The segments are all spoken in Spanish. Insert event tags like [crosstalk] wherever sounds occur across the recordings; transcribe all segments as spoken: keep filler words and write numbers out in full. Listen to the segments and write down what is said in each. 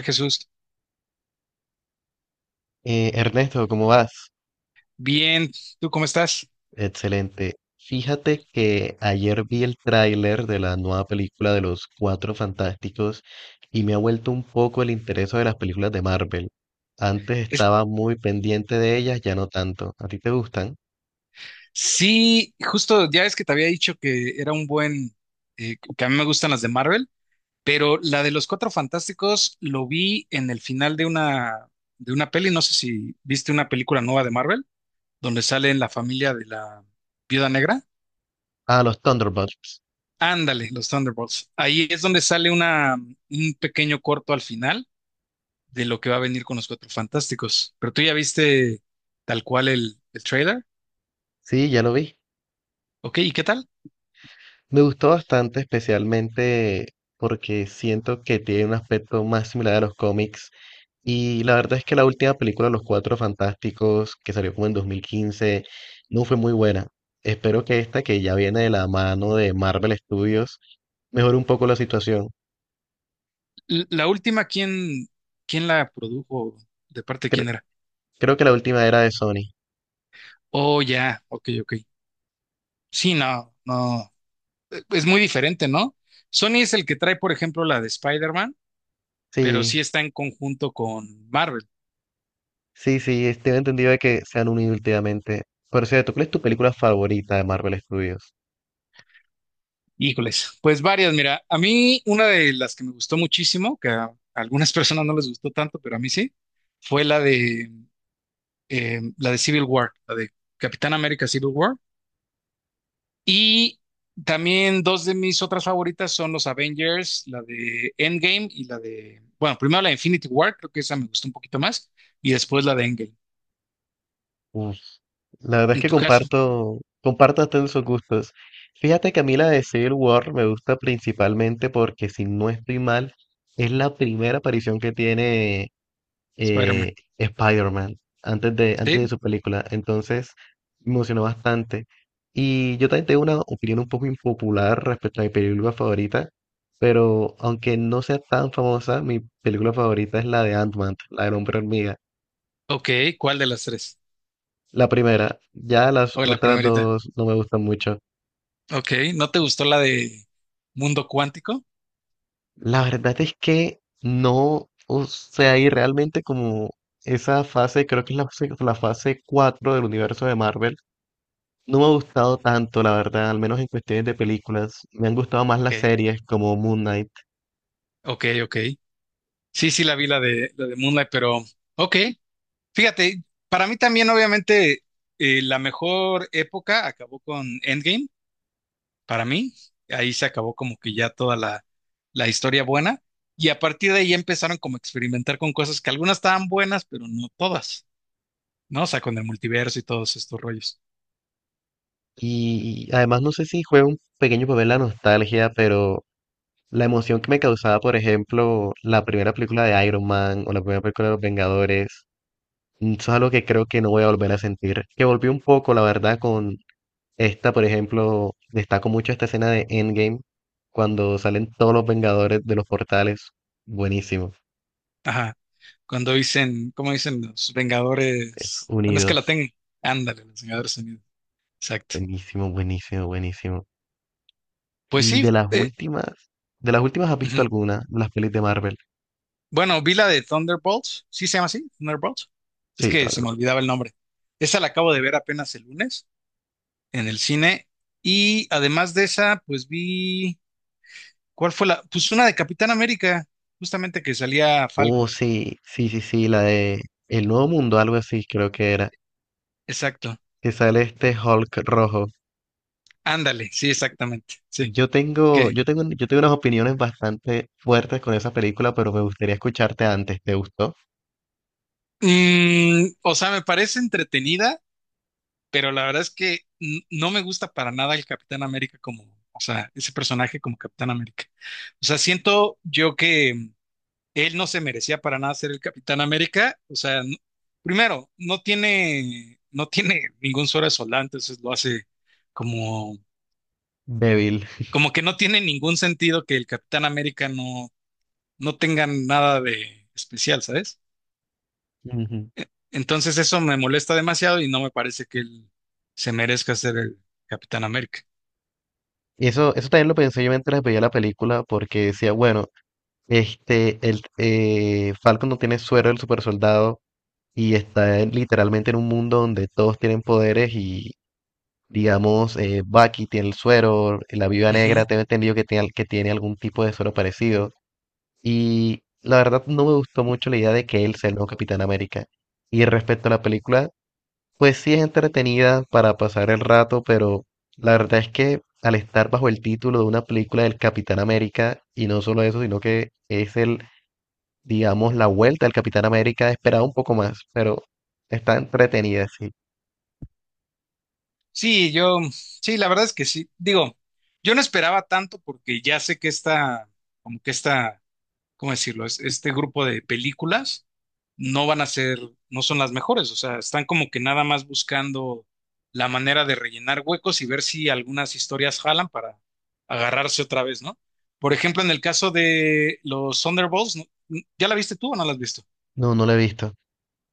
Jesús, Eh, Ernesto, ¿cómo vas? bien, ¿tú cómo estás? Excelente. Fíjate que ayer vi el tráiler de la nueva película de los Cuatro Fantásticos y me ha vuelto un poco el interés de las películas de Marvel. Antes Es- estaba muy pendiente de ellas, ya no tanto. ¿A ti te gustan? sí, justo ya es que te había dicho que era un buen, eh, que a mí me gustan las de Marvel, pero la de los Cuatro Fantásticos lo vi en el final de una, de una peli, no sé si viste una película nueva de Marvel, donde sale en la familia de la Viuda Negra. Ah, los Thunderbolts. Ándale, los Thunderbolts. Ahí es donde sale una, un pequeño corto al final de lo que va a venir con los Cuatro Fantásticos. Pero tú ya viste tal cual el, el trailer, Sí, ya lo vi. ¿ok? ¿Y qué tal? Me gustó bastante, especialmente porque siento que tiene un aspecto más similar a los cómics. Y la verdad es que la última película, Los Cuatro Fantásticos, que salió como en dos mil quince, no fue muy buena. Espero que esta, que ya viene de la mano de Marvel Studios, mejore un poco la situación. L- La última, ¿quién, quién la produjo? ¿De parte de quién Cre- era? creo que la última era de Sony. Oh, ya, ok, ok. Sí, no, no. Es muy diferente, ¿no? Sony es el que trae, por ejemplo, la de Spider-Man, pero sí Sí, está en conjunto con Marvel. sí, sí, tengo entendido de que se han unido últimamente. Por cierto, ¿cuál es tu película favorita de Marvel Studios? Híjoles, pues varias, mira, a mí una de las que me gustó muchísimo, que a algunas [laughs] personas no les gustó tanto, pero a mí sí, fue la de, eh, la de Civil War, la de Capitán América Civil War. Y también dos de mis otras favoritas son los Avengers, la de Endgame y la de, bueno, primero la de Infinity War, creo que esa me gustó un poquito más, y después la de Endgame. Uf, la verdad es En que tu caso, comparto, comparto hasta en sus gustos. Fíjate que a mí la de Civil War me gusta principalmente porque, si no estoy mal, es la primera aparición que tiene Spider-Man. eh, Spider-Man antes de, antes de Sí. su película. Entonces, me emocionó bastante. Y yo también tengo una opinión un poco impopular respecto a mi película favorita, pero aunque no sea tan famosa, mi película favorita es la de Ant-Man, la del hombre hormiga. Ok, ¿cuál de las tres? La primera, ya las O la otras primerita. dos no me gustan mucho. Ok, ¿no te gustó la de Mundo Cuántico? La verdad es que no, o sea, y realmente como esa fase, creo que es la, fase- la fase cuatro del universo de Marvel, no me ha gustado tanto, la verdad, al menos en cuestiones de películas. Me han gustado más las Ok, series como Moon Knight. ok, ok. Sí, sí, la vi la de, la de Moonlight, pero ok. Fíjate, para mí también, obviamente, eh, la mejor época acabó con Endgame para mí. Ahí se acabó como que ya toda la, la historia buena. Y a partir de ahí empezaron como a experimentar con cosas que algunas estaban buenas, pero no todas, ¿no? O sea, con el multiverso y todos estos rollos. Y además no sé si juega un pequeño papel la nostalgia, pero la emoción que me causaba, por ejemplo, la primera película de Iron Man o la primera película de Los Vengadores. Eso es algo que creo que no voy a volver a sentir. Que volví un poco, la verdad, con esta, por ejemplo, destaco mucho esta escena de Endgame, cuando salen todos los Vengadores de los portales. Buenísimo. Ajá. Cuando dicen, ¿cómo dicen los Vengadores? Bueno, es que la Unidos. tengo. Ándale, los Vengadores Unidos. Exacto. Buenísimo, buenísimo, buenísimo. Pues Y de sí. las eh, últimas, de las últimas, ¿has visto ujú. alguna? Las pelis de Marvel. Bueno, vi la de Thunderbolts. ¿Sí se llama así? Thunderbolts. Es Sí, que se me Thunderbolts. olvidaba el nombre. Esa la acabo de ver apenas el lunes en el cine. Y además de esa, pues vi ¿cuál fue la? Pues una de Capitán América, justamente que salía Oh, Falcon. sí, sí, sí, sí, la de El Nuevo Mundo, algo así, creo que era. Exacto. Que sale este Hulk rojo. Ándale, sí, exactamente. Sí. Yo tengo, ¿Qué? yo tengo, yo tengo unas opiniones bastante fuertes con esa película, pero me gustaría escucharte antes. ¿Te gustó? Mm, o sea, me parece entretenida, pero la verdad es que n- no me gusta para nada el Capitán América como, o sea, ese personaje como Capitán América. O sea, siento yo que él no se merecía para nada ser el Capitán América. O sea, n- primero, no tiene, no tiene ningún suero de soldado, entonces lo hace como Débil. como que no tiene ningún sentido que el Capitán América no, no tenga nada de especial, ¿sabes? Ujú. E- Entonces eso me molesta demasiado y no me parece que él se merezca ser el Capitán América. Y eso, eso también lo pensé yo mientras veía la película, porque decía, bueno, este, el eh, Falcon no tiene suero del super soldado y está en- literalmente en un mundo donde todos tienen poderes y, digamos, eh, Bucky tiene el suero, la Viuda Negra, Ujú. tengo entendido que tiene, al- que tiene algún tipo de suero parecido. Y la verdad no me gustó mucho la idea de que él sea el nuevo Capitán América. Y respecto a la película, pues sí es entretenida para pasar el rato, pero la verdad es que al estar bajo el título de una película del Capitán América, y no solo eso, sino que es el, digamos, la vuelta del Capitán América, esperaba un poco más, pero está entretenida, sí. Sí, yo, sí, la verdad es que sí. Digo, yo no esperaba tanto porque ya sé que esta, como que esta ¿cómo decirlo? Es- Este grupo de películas no van a ser, no son las mejores, o sea, están como que nada más buscando la manera de rellenar huecos y ver si algunas historias jalan para agarrarse otra vez, ¿no? Por ejemplo, en el caso de los Thunderbolts, ¿no? ¿Ya la viste tú o no la has visto? No, no la he visto.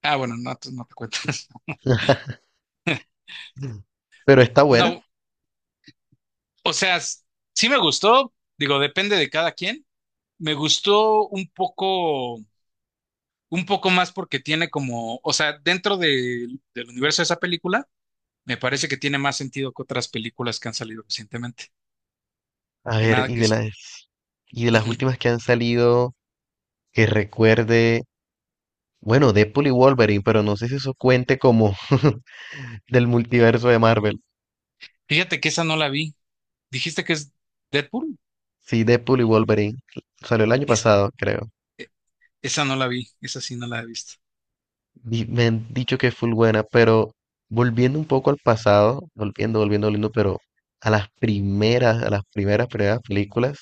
Ah, bueno, no, te- no te cuento. [laughs] Mm. Pero está buena. No, o sea, s- sí me gustó, digo, depende de cada quien. Me gustó un poco, un poco más porque tiene como, o sea, dentro de- del universo de esa película, me parece que tiene más sentido que otras películas que han salido recientemente. A Que ver, nada, y que de es. las, y de las Ujú. últimas que han salido, que recuerde. Bueno, Deadpool y Wolverine, pero no sé si eso cuente como [laughs] del multiverso de Marvel. Fíjate que esa no la vi. ¿Dijiste que es Deadpool? Sí, Deadpool y Wolverine. Salió el año Es- pasado, creo. esa no la vi. Esa sí no la he visto. Y me han dicho que es full buena, pero volviendo un poco al pasado, volviendo, volviendo, volviendo, pero a las primeras, a las primeras, primeras películas,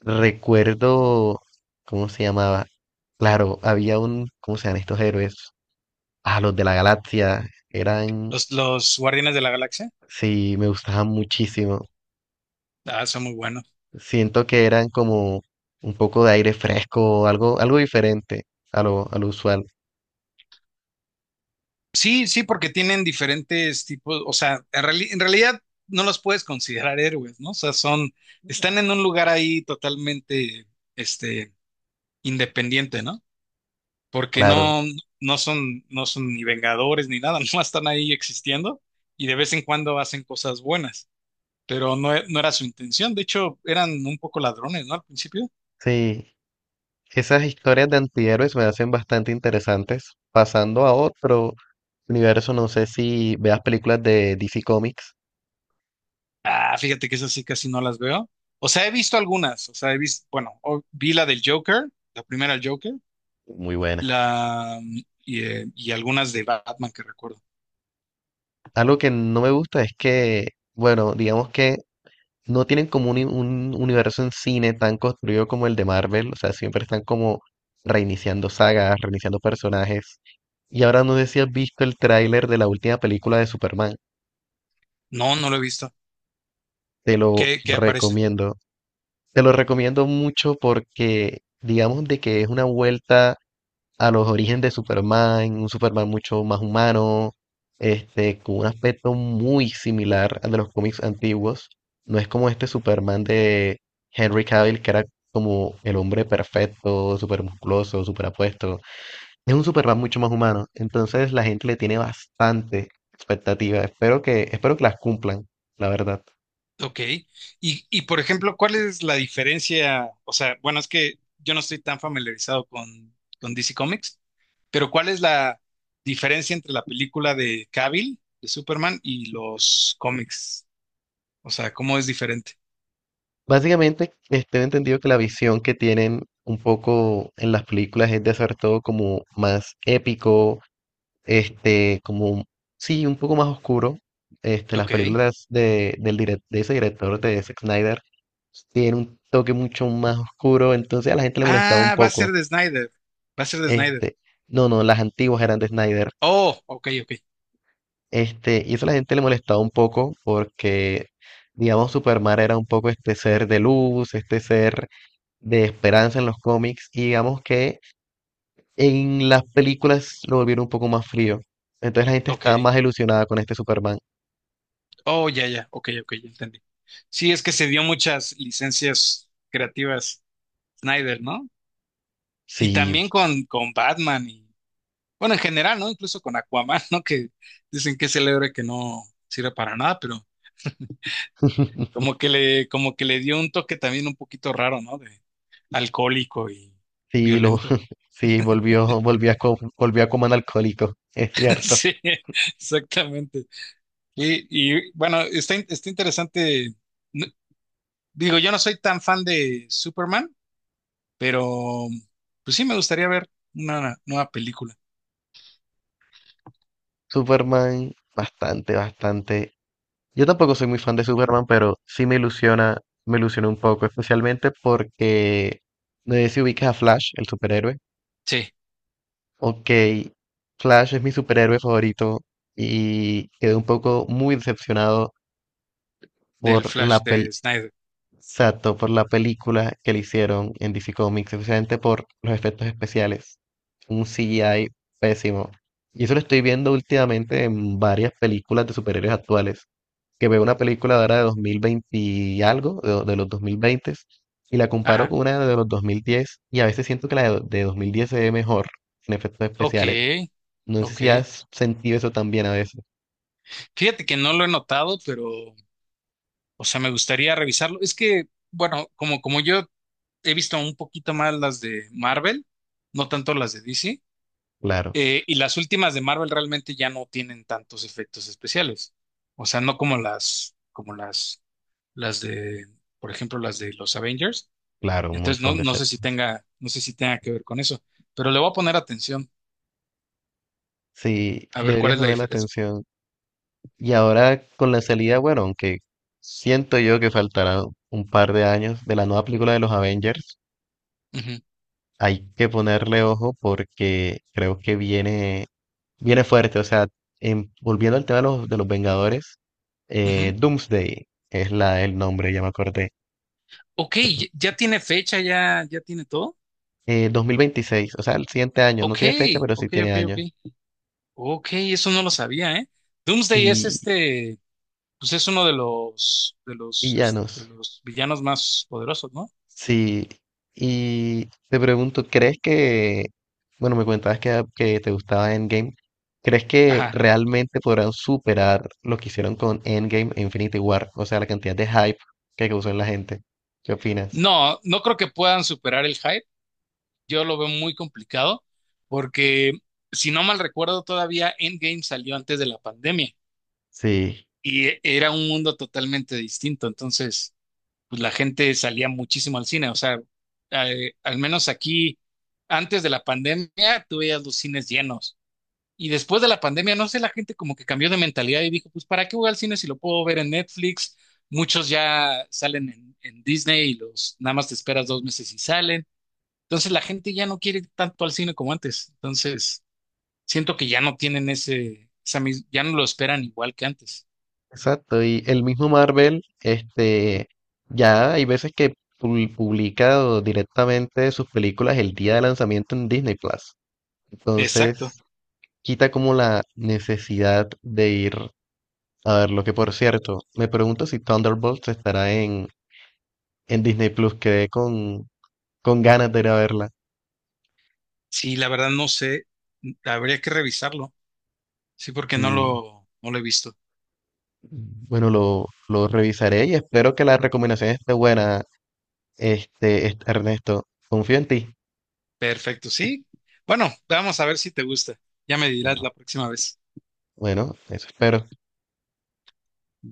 recuerdo, ¿cómo se llamaba? Claro, había un, ¿cómo se llaman estos héroes? Ah, los de la galaxia, eran, Los, los Guardianes de la Galaxia. sí, me gustaban muchísimo. Ah, son muy buenos. Siento que eran como un poco de aire fresco, algo, algo diferente a lo, a lo usual, Sí, sí, porque tienen diferentes tipos. O sea, en, reali- en realidad no los puedes considerar héroes, ¿no? O sea, son. Están en un lugar ahí totalmente, este, independiente, ¿no? Porque claro. no, no son, no son ni vengadores ni nada, [laughs] no están ahí existiendo y de vez en cuando hacen cosas buenas, pero no, e- no era su intención, de hecho eran un poco ladrones, ¿no? Al principio. Sí, esas historias de antihéroes me hacen bastante interesantes. Pasando a otro universo, no sé si veas películas de D C Comics, Ah, fíjate que esas sí casi no las veo. O sea, he visto algunas, o sea, he visto, bueno, o- vi la del Joker, la primera del Joker, muy buenas. la, mm, y, eh, y algunas de Batman que recuerdo. Algo que no me gusta es que, bueno, digamos que no tienen como un, un universo en cine tan construido como el de Marvel, o sea, siempre están como reiniciando sagas, reiniciando personajes. Y ahora no sé si has visto el tráiler de la última película de Superman. No, no lo he visto. Te lo ¿Qué, qué aparece? recomiendo. Te lo recomiendo mucho porque digamos de que es una vuelta a los orígenes de Superman, un Superman mucho más humano, este, con un aspecto muy similar al de los cómics antiguos. No es como este Superman de Henry Cavill, que era como el hombre perfecto, súper musculoso, súper apuesto. Es un Superman mucho más humano, entonces la gente le tiene bastante expectativa. Espero que, espero que las cumplan, la verdad. Ok. Y, y por ejemplo, ¿cuál es la diferencia? O sea, bueno, es que yo no estoy tan familiarizado con, con D C Comics, pero ¿cuál es la diferencia entre la película de Cavill, de Superman, y los cómics? O sea, ¿cómo es diferente? Básicamente, este, he entendido que la visión que tienen un poco en las películas es de hacer todo como más épico, este, como, sí, un poco más oscuro. Este, las Ok. películas de, del direc- de ese director, de Zack Snyder, tienen un toque mucho más oscuro, entonces a la gente le molestaba un Ah, va a ser poco. de Snyder. Va a ser de Snyder. Este, no, no, las antiguas eran de Snyder. Oh, ok, ok, Este, y eso a la gente le molestaba un poco porque, digamos, Superman era un poco este ser de luz, este ser de esperanza en los cómics, y digamos que en las películas lo volvieron un poco más frío. Entonces la gente ok. estaba más ilusionada con este Superman. Oh, ya, ya, ok, ok, ya entendí. Sí, es que se dio muchas licencias creativas Snyder, ¿no? Y Sí, también con, con Batman y bueno, en general, ¿no? Incluso con Aquaman, ¿no? Que dicen que es el héroe que no sirve para nada, pero como [laughs] que le, como que le dio un toque también un poquito raro, ¿no? De alcohólico y sí, lo, violento. [laughs] sí, volvió, volvió a, co- volvió a comer alcohólico, [laughs] es [laughs] cierto. Sí, exactamente. Y, y, bueno, está, in- está interesante. No- Digo, yo no soy tan fan de Superman, pero pues sí me gustaría ver una nueva película. Superman, bastante, bastante. Yo tampoco soy muy fan de Superman, pero sí me ilusiona, me ilusiona un poco, especialmente porque no sé si ubicas a Flash, el superhéroe. Sí, Ok, Flash es mi superhéroe favorito y quedé un poco muy decepcionado del por la Flash pel de Snyder. exacto, por la película que le hicieron en D C Comics, especialmente por los efectos especiales. Un C G I pésimo. Y eso lo estoy viendo últimamente en varias películas de superhéroes actuales, que veo una película de ahora de dos mil veinte y algo, de, de los dos mil veinte, y la comparo Ajá. con una de los dos mil diez, y a veces siento que la de, de dos mil diez se ve mejor en efectos Ok, especiales. No sé ok. si has sentido eso también a veces. Fíjate que no lo he notado, pero o sea, me gustaría revisarlo. Es que, bueno, como, como yo he visto un poquito más las de Marvel, no tanto las de D C, Claro, eh, y las últimas de Marvel realmente ya no tienen tantos efectos especiales. O sea, no como las, como las, las de, por ejemplo, las de los Avengers. claro, un Entonces, no, montón de no sé si efectos. tenga, no sé si tenga que ver con eso, pero le voy a poner atención Sí, a ver cuál deberías es la poner la diferencia. atención. Y ahora con la salida, bueno, aunque siento yo que faltará un par de años de la nueva película de los Avengers, Ujú, hay que ponerle ojo porque creo que viene. Viene fuerte, o sea, em, volviendo al tema de los, de los Vengadores, eh, ujú. Doomsday es la, el nombre, ya me acordé. Ok, ya ya tiene fecha, ya, ya tiene todo. Eh, dos mil veintiséis, o sea, el siguiente año, no Ok, tiene fecha, pero sí ok, tiene ok, ok. años. Ok, eso no lo sabía, ¿eh? Doomsday es Y este, pues es uno de los, de los, es- de villanos, los villanos más poderosos, ¿no? sí. Y te pregunto, ¿crees que, bueno, me comentabas que, que te gustaba Endgame, ¿crees que Ajá. realmente podrán superar lo que hicieron con Endgame e Infinity War? O sea, la cantidad de hype que causó en la gente. ¿Qué opinas? No, no creo que puedan superar el hype. Yo lo veo muy complicado porque, si no mal recuerdo, todavía Endgame salió antes de la pandemia Sí. y e- era un mundo totalmente distinto. Entonces, pues la gente salía muchísimo al cine. O sea, eh, al menos aquí, antes de la pandemia, tú veías los cines llenos. Y después de la pandemia, no sé, la gente como que cambió de mentalidad y dijo, pues, ¿para qué voy al cine si lo puedo ver en Netflix? Muchos ya salen en, en Disney y los nada más te esperas dos meses y salen. Entonces la gente ya no quiere ir tanto al cine como antes. Entonces, siento que ya no tienen ese, esa mis- ya no lo esperan igual que antes. Exacto, y el mismo Marvel, este, ya hay veces que pu- publica o directamente sus películas el día de lanzamiento en Disney Plus. Exacto. Entonces, quita como la necesidad de ir a verlo, que por cierto, me pregunto si Thunderbolts estará en, en Disney Plus. Quedé con, con ganas de ir a verla. Sí, la verdad no sé. Habría que revisarlo. Sí, porque no Mm, lo, no lo he visto. bueno, lo, lo revisaré y espero que la recomendación esté buena, este, este, Ernesto. Confío en ti. Perfecto, sí. Bueno, vamos a ver si te gusta. Ya me dirás la Pero, próxima vez. bueno, eso espero.